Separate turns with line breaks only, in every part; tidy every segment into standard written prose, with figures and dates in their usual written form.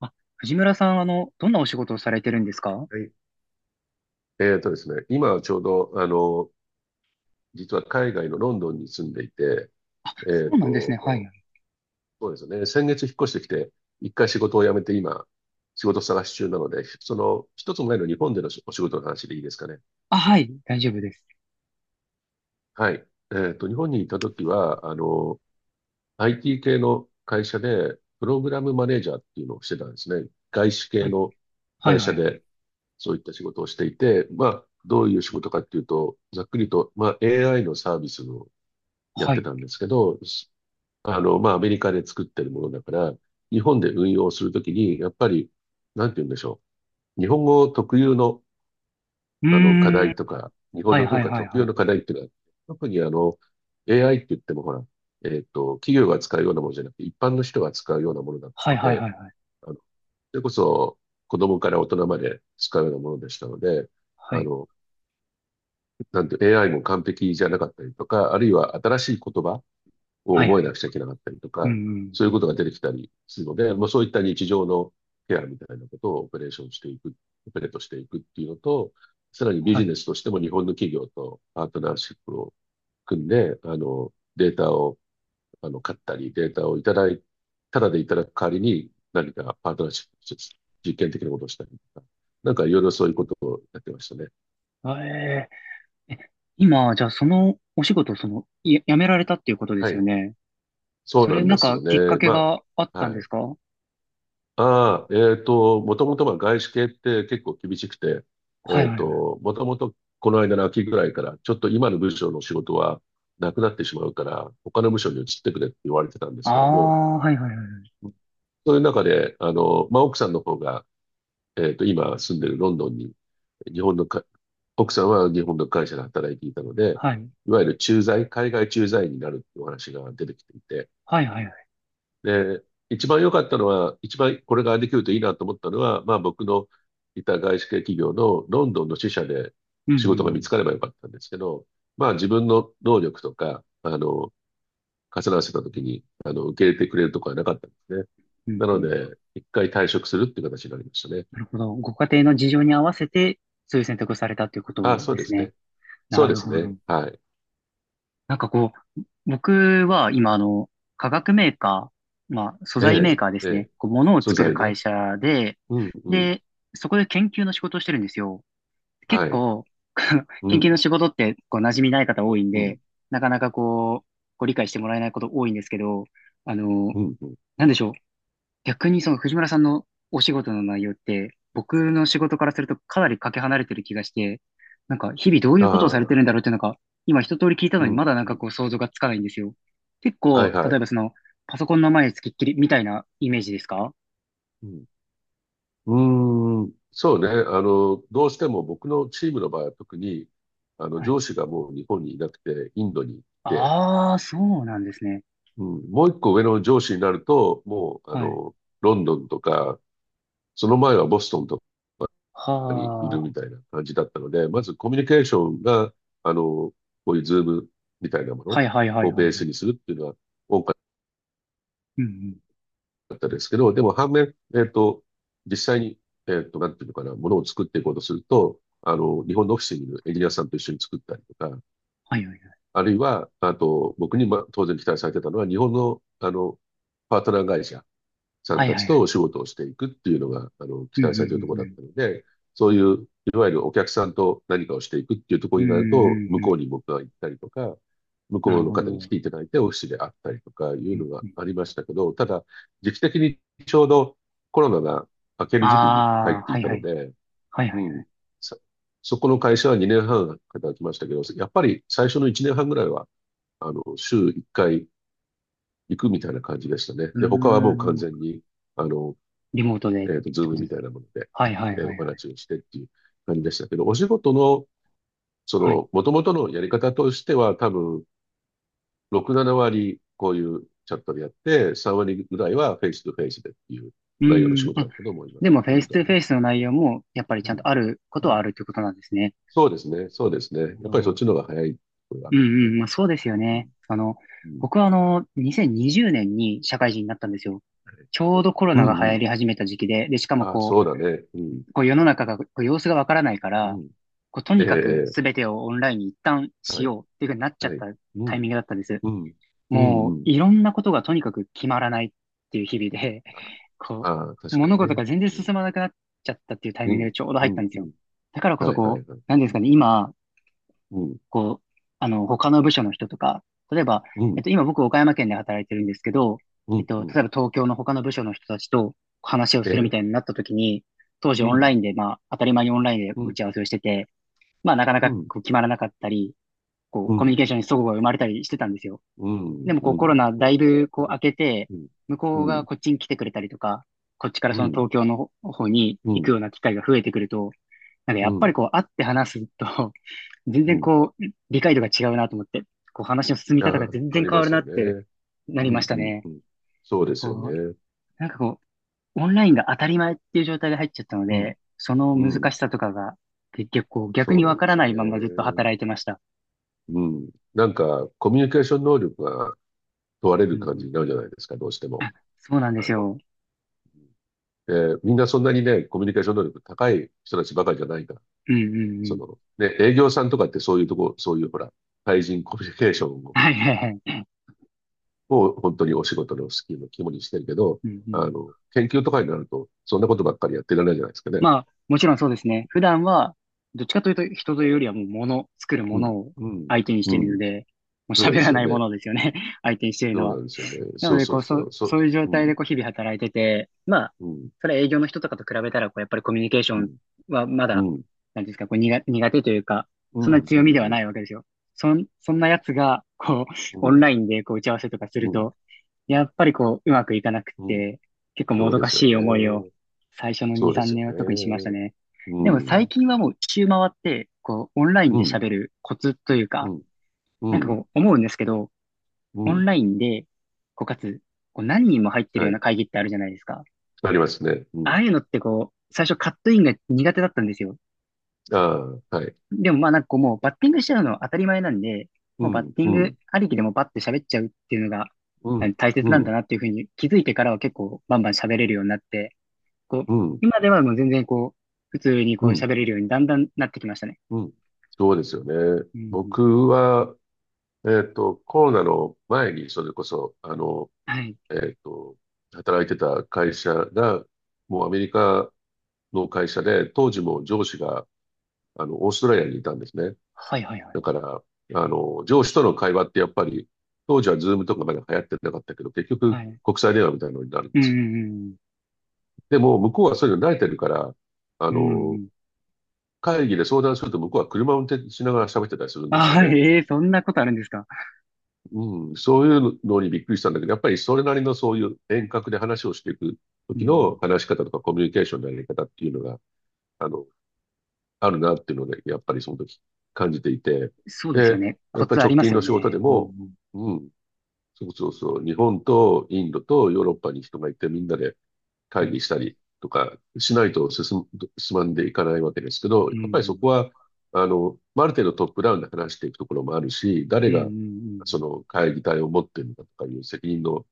あ、藤村さん、どんなお仕事をされてるんですか？
はい。えっとですね、今はちょうど、実は海外のロンドンに住んでいて、えっ
そうなんですね。は
と、
い。
そうですね、先月引っ越してきて、一回仕事を辞めて今、仕事探し中なので、一つ前の日本でのお仕事の話でいいですかね。
あ、はい。大丈夫です。
はい。日本にいた時は、IT 系の会社で、プログラムマネージャーっていうのをしてたんですね。外資
は
系
い。
の
はい、
会
は
社
い、はい。
で、そういった仕事をしていて、まあ、どういう仕事かっていうと、ざっくりと、まあ、AI のサービスのやっ
は
て
い。
たんですけど、まあ、アメリカで作ってるものだから、日本で運用するときに、やっぱり、なんて言うんでしょう。日本語特有の、
うー
課
ん。
題とか、日本
はい、
の
は
文
い、
化
はい、
特
は
有
い。
の課題っていうのは、特にAI って言ってもほら、企業が使うようなものじゃなくて、一般の人が使うようなものだっ
は
た
い、
の
はい、
で、
はい、はい。
それこそ、子供から大人まで使うようなものでしたので、
は
あ
い、
の、なんて AI も完璧じゃなかったりとか、あるいは新しい言葉、
は
を
い、は
覚えな
い。
くちゃいけなかったりと
うん、
か、
うん。
そういうことが出てきたりするので、もうそういった日常のケアみたいなことをオペレーションしていく、オペレートしていくっていうのと、さらにビ
は
ジ
い。
ネスとしても日本の企業とパートナーシップを組んで、データを、買ったり、データをいただい、ただでいただく代わりに何かパートナーシップとして実験的なことをしたりとか、なんかいろいろそういうことをやってましたね。
あえーえ、今、じゃあ、そのお仕事、その、やめられたっていうことで
は
すよ
い。
ね。
そう
そ
な
れ、
んですよ
きっか
ね。
け
ま
があっ
あ、
たん
は
で
い。
すか？はい、
ああ、もともとまあ外資系って結構厳しくて、
はい、はい。
もともとこの間の秋ぐらいから、ちょっと今の部署の仕事はなくなってしまうから、他の部署に移ってくれって言われてたんで
あ
すけども、
あ、はい、はい、はい。
そういう中で、まあ、奥さんの方が、今住んでるロンドンに、日本のか、奥さんは日本の会社で働いていたので、
はい。
いわゆる駐在、海外駐在員になるっていうお話が出てきていて、
はい、はい、はい。
で、一番良かったのは、一番これができるといいなと思ったのは、まあ僕のいた外資系企業のロンドンの支社で
うん、う
仕事が見つ
ん、
かればよかったんですけど、まあ自分の能力とか、重なわせた
う
時
ん。
に、受け入れてくれるとこはなかったんですね。
うん、
な
う
の
ん。
で、一回退職するっていう形になりましたね。
なるほど。ご家庭の事情に合わせて、そういう選択をされたというこ
ああ、
と
そう
で
で
す
す
ね。
ね。そ
な
うで
る
す
ほ
ね。
ど。
はい。
なんかこう、僕は今、化学メーカー、まあ、素
え
材メー
え、
カーで
え
すね。
え。
こう、物を
素
作る
材
会
ね。
社で、
うん、うん。
で、そこで研究の仕事をしてるんですよ。結
はい。
構、
う
研究
ん、
の仕事って、こう、馴染みない方多いん
うん、
で、なかなかこう、ご理解してもらえないこと多いんですけど、あの、
うん、うん。
なんでしょう。逆にその藤村さんのお仕事の内容って、僕の仕事からするとかなりかけ離れてる気がして、なんか日々どういう
あ
ことをされて
あ、
るんだろうってなんか、今一通り聞いたの
う
に
ん、
まだなんか
うん。
こう想像がつかないんですよ。結
はい、
構、
は
例え
い。
ばその、パソコンの前につきっきりみたいなイメージですか？
うんうーん、そうね。どうしても僕のチームの場合は特に、
はい。
上司がもう日本にいなくて、インドに行って、
ああ、そうなんですね。
うん、もう一個上の上司になると、もう、
はい。
ロンドンとか、その前はボストンとか
は
にいる
あ。
みたいな感じだったので、まずコミュニケーションが、こういうズームみたいなも
は
の
いはいはい
を
は
ベ
い
ー
は
ス
い。
にするっていうのは多かった
うんうん。
だったんですけど、でも反面、実際に、なんていうのかな、ものを作っていこうとすると、日本のオフィスにいるエンジニアさんと一緒に作ったりとか、
はいはいはい。
あるいは、あと、僕に、当然期待されてたのは、日本の、パートナー会社さん
はい
た
は
ち
いは
と
い。
お仕事をしていくっていうのが、
う
期
んうん
待
う
されているとこ
ん
ろ
う
だっ
ん。
たので、そういう、いわゆるお客さんと何かをしていくっていうとこ
う
ろ
んう
になると、
んう
向
んう
こ
ん。
うに僕が行ったりとか、向
な
こう
る
の
ほど。
方に
う
来
ん
ていただいてオフィスで会ったりとかい
う
うの
ん。
がありましたけど、ただ、時期的にちょうどコロナが明ける時期に入っ
ああ、
て
は
い
い
た
は
の
い。
で、
はい
う
はいはい。
ん、そ、そこの会社は2年半働きましたけど、やっぱり最初の1年半ぐらいは、週1回行くみたいな感じでしたね。
うー
で、他はもう完
ん。
全に、あの、
リモートでっ
ズ
て
ー
こ
ム
と
み
です
た
か？
いなもので、
はいはいは
お
いはい。
話をしてっていう感じでしたけど、お仕事の、
はい。
もともとのやり方としては、多分、6、7割、こういうチャットでやって、3割ぐらいはフェイスとフェイスでっていう
う
内容の
ー
仕
ん。
事だ
あ、
ったと思いま
で
す、
も
も
フ
と
ェイ
も
ス
と
ト
は
ゥフェ
ね。
イスの内容もやっぱりちゃ
う
ん
ん。
とあるこ
う
とは
ん。
あるってことなんですね。
そうですね、そうです
な
ね。
るほ
やっぱりそっ
ど。
ちの方が早いところがあ
う
る
ん
ね。
うん。まあそうですよ
うん。
ね。
うん。
僕は2020年にじゅうねんに社会人になったんですよ。ちょうどコロ
う
ナが
ん、
流
う
行
ん。
り始めた時期で、しかも
あ、
こ
そうだね。うん。
う、こう世の中が、こう様子がわからないか
う
ら、
ん。
こうと
え
に
え、
かく
え
全てをオンラインに一旦
え
し
はい。
ようっていうふうになっちゃっ
はい。
た
う
タイ
ん。
ミングだったんです。
うん。うん、
もう
うん。
いろんなことがとにかく決まらないっていう日々で、
あ、
こ
あ、
う、
確かに
物事
ね。
が全然
うん
進まなくなっちゃったっていうタイ
う
ミング
ん、
でちょうど入
う
った
ん、
んで
う
すよ。
ん。
だからこそ
はい、は
こう、
い、はい。
なんですかね、今、
うん、
こう、他の部署の人とか、例えば、
うん、
今僕岡山県で働いてるんですけど、
うん、う
例
ん。
えば東京の他の部署の人たちと話を
え
するみ
え、
たいになった時に、当時
う
オンラ
ん、
インで、まあ、当たり前にオンラインで
う
打
ん、
ち合わせをしてて、まあ、なかな
う
か
ん、
こう決まらなかったり、こう、
う
コミュニ
ん、
ケーションに齟齬が生まれたりしてたんですよ。
う
で
ん、
もこう
う
コ
ん。
ロナ
そ
だ
うで
い
す
ぶこう
ね。
明けて、
うん、
向
う
こうが
ん、
こっちに来てくれたりとか、こっちから
う
その
ん、
東京の方に行
う
くような機会が増えてくると、なんかやっぱり
ん、
こう会って話すと、全
う
然
ん。
こう理解度が違うなと思って、こう話の進み
あ
方が全
あ、あ
然
り
変
ま
わる
す
な
よ
って
ね。
なり
う
ま
ん、
し
う
た
ん、
ね。
うん。そうですよ
こ
ね。
う、なんかこう、オンラインが当たり前っていう状態で入っちゃったの
うん、
で、その
う
難
ん。
しさとかが結局こう逆
そう
に
な
わ
ん
か
で
ら
すよ
ないままずっと
ね。
働いてました。
うん。なんか、コミュニケーション能力が問われ
うん
る
う
感じ
ん、
になるじゃないですか、どうしても。
あ、そうなんで
あ
す
の、
よ。
で、みんなそんなにね、コミュニケーション能力高い人たちばかりじゃないから
うんうんうん。
ね、営業さんとかってそういうとこ、そういうほら、対人コミュニケーションを、
はいはいはい。
本当にお仕事のスキルの肝にしてるけど、
うんうん。
研究とかになると、そんなことばっかりやってられないじゃないですかね。
まあ、もちろんそうですね。普段は、どっちかというと人というよりはもう物、作る
う
も
ん、
のを
うん、
相手にし
う
ているの
ん。
で、もう
そうで
喋ら
すよ
ないも
ね。
のですよね。相手にしている
そ
の
うな
は。
んですよね。
な
そ
の
う
で、
そ
こ
う
う、
そ
そ、
う。
そ
そ、
ういう状
う
態
ん、
でこう日々働いてて、まあ、
うん、
それは営業の人とかと比べたら、こう、やっぱりコミュニケーショ
う
ン
ん、
はま
う
だ、
ん、
なんていうんですか、こう、苦手というか、
う
そん
ん、
な
う
強み
ん、
では
うん、
ないわけですよ。そんなやつが、こう、
う
オン
ん、
ラインでこう打ち合わせとかす
う
る
ん。
と、やっぱりこう、うまくいかなくっ
うん
て、結構も
そう
ど
で
か
すよ
しい思いを
ね。
最初の
そ
2、
うで
3
すよ
年は特にしました
ね。
ね。
う
でも最
ん、
近はもう一周回って、こう、オンライン
う
で
ん、
喋るコツという
う
か、
ん、う
なんか
ん、
こう、思うんですけど、
う
オン
ん。
ラインで、こう、かつ、こう、何人も入ってる
は
ような
い。
会議ってあるじゃないですか。
ありますね。う
あ
ん。
あいうのってこう、最初カットインが苦手だったんですよ。
ああ、はい。
でもまあなんかこう、もうバッティングしちゃうのは当たり前なんで、
う
もうバッ
ん、
ティン
う
グ
ん。
ありきでもバッて喋っちゃうっていうのが、
うん、
大切
う
なんだ
ん、
なっていうふうに気づいてからは結構バンバン喋れるようになって、こう、
うん、
今ではもう全然こう、普通に
う
こう
ん、
喋れるようにだんだんなってきましたね。
うん。そうですよね。
うんうん。
僕は、コロナの前に、それこそ、
はい。
えっと、働いてた会社が、もうアメリカの会社で、当時も上司が、オーストラリアにいたんですね。
はいはいはい。
だから、上司との会話ってやっぱり、当時はズームとかまだ流行ってなかったけど、結局、
はい。
国際電話みたいなのになるんで
う
すよ。
んうん
でも、向こうはそういうの慣れてるから、あ
うん。うんう
の、
ん。
会議で相談すると向こうは車を運転しながら喋ってたりするん
あ、
ですよ
はい。
ね。
えーそんなことあるんですか？
うん、そういうのにびっくりしたんだけど、やっぱりそれなりのそういう遠隔で話をしていく
うんう
時の
ん。
話し方とかコミュニケーションのやり方っていうのが、あの、あるなっていうので、やっぱりその時感じていて。
そうですよ
で、
ね。
や
コ
っぱ
ツ
り
あ
直
りま
近
すよ
の仕事で
ね。うんう
も、
ん。
うん、そうそうそう、日本とインドとヨーロッパに人がいてみんなで
は
会
い。
議したりとかしないと進む、進まんでいかないわけですけど、
う
や
んう
っぱりそこ
ん。
は、まあある程度トップダウンで話していくところもあるし、誰
うんう
がそ
ん
の会議体を持っているのかとかいう責任の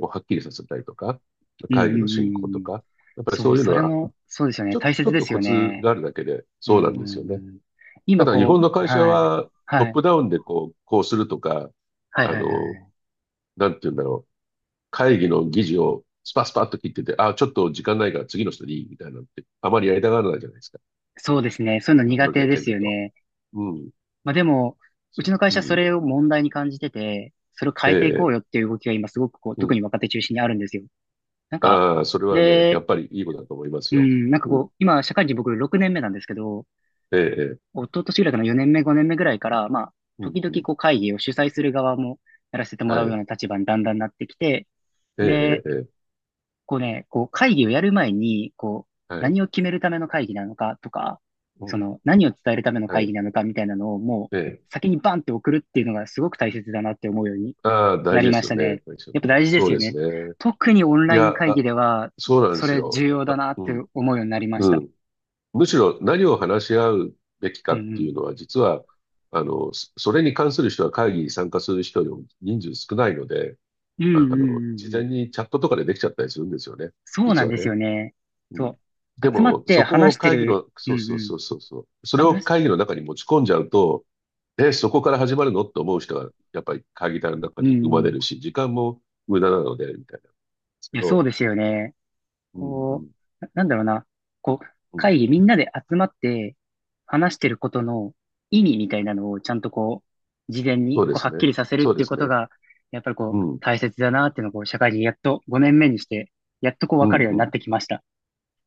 をはっきりさせたりとか、
うんうん。
会
う
議の
んう
進行
んうん
と
うん。
か、やっぱり
そ
そ
う、
ういうの
それ
は、
も、そうですよ
ち
ね。
ょ、
大
ちょ
切
っ
で
と
す
コ
よ
ツ
ね。
があるだけで
う
そう
ん
なん
う
ですよ
んう
ね。
ん。
た
今
だ日
こ
本
う、
の会社
はい。
はトッ
はい。
プダウンでこう、こうするとか、
はい
あ
はいは
の、
い。
なんて言うんだろう。会議の議事をスパスパッと切ってて、あ、ちょっと時間ないから次の人でいいみたいなのって、あまりやりたがらないじゃないですか。
そうですね。そういうの
僕
苦
の
手
経
で
験
す
だ
よ
と。
ね。
うん。
まあでも、う
そ
ちの会
う
社
う
そ
ん。
れを問題に感じてて、それを
え
変えていこう
え、
よっていう動きが今すごくこう、
う
特に
ん。
若手中心にあるんですよ。なんか、
ああ、それはね、や
で、
っぱりいいことだと思います
う
よ。
ん、なんか
うん。
こう、今社会人僕6年目なんですけど、
ええ、ええ
一昨年ぐらいかな4年目5年目ぐらいから、まあ、
うん、
時々
うん。
こう会議を主催する側もやらせても
は
らうよう
い。
な立場にだんだんなってきて、
ええ、
で、
ええ、え
こうね、こう会議をやる前に、こう、
えはい。
何を決めるための会議なのかとか、
う
そ
ん。
の、何を伝えるための
は
会議
い。
なのかみたいなのをも
ええ。
う、先にバンって送るっていうのがすごく大切だなって思うように
ああ、
な
大事
り
で
ま
す
し
よ
た
ね。大
ね。
事ですよ
やっぱ
ね。
大事で
そ
す
う
よ
です
ね。
ね。
特にオン
い
ライ
や、
ン会議
あ、
では、
そうなんで
そ
す
れ
よ。
重要だ
あ、
なっ
う
て
ん。
思うようになりまし
う
た。
ん。むしろ何を話し合うべき
う
かっ
んう
ていう
ん。
のは、実は、それに関する人は会議に参加する人よりも人数少ないので、
うんうんうんう
事
ん。
前にチャットとかでできちゃったりするんですよね。
そうな
実
ん
は
です
ね。
よね。
うん。
そう。
で
集まっ
も、
て
そこ
話
を
して
会議
る。
の、
うん
そうそう
うん。
そうそうそう。それを
話、
会議の中に持ち込んじゃうと、え、そこから始まるのって思う人が、やっぱり会議体の中
うんう
に生まれ
ん。い
るし、時間も無駄なので、みたいなんですけ
や、そ
ど、
うですよね。
うん、う
こ
ん、
う、なんだろうな、こう、
うん。
会議みんなで集まって話してることの意味みたいなのをちゃんとこう、事前に
そうで
こうは
す
っき
ね。
りさせるっ
そう
て
で
いう
す
こと
ね。
が、やっぱりこ
う
う、
ん、
大切だなっていうのをこう、社会人やっと5年目にして、やっとこう
う
分かる
ん、
よう
う
になっ
ん。
てきました。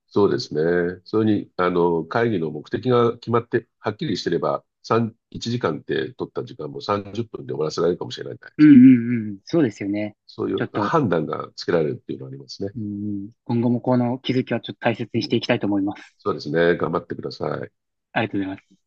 そうですね。それに、会議の目的が決まって、はっきりしてれば、3、1時間って取った時間も30分で終わらせられるかもしれないじゃないで
うん
す
う
か。
んうん、そうですよね。
そうい
ちょっ
う
と、
判断がつけられるっていうのはありますね。
うんうん、今後もこの気づきはちょっと大切
う
にし
ん。
ていきたいと思います。
そうですね。頑張ってください。
ありがとうございます。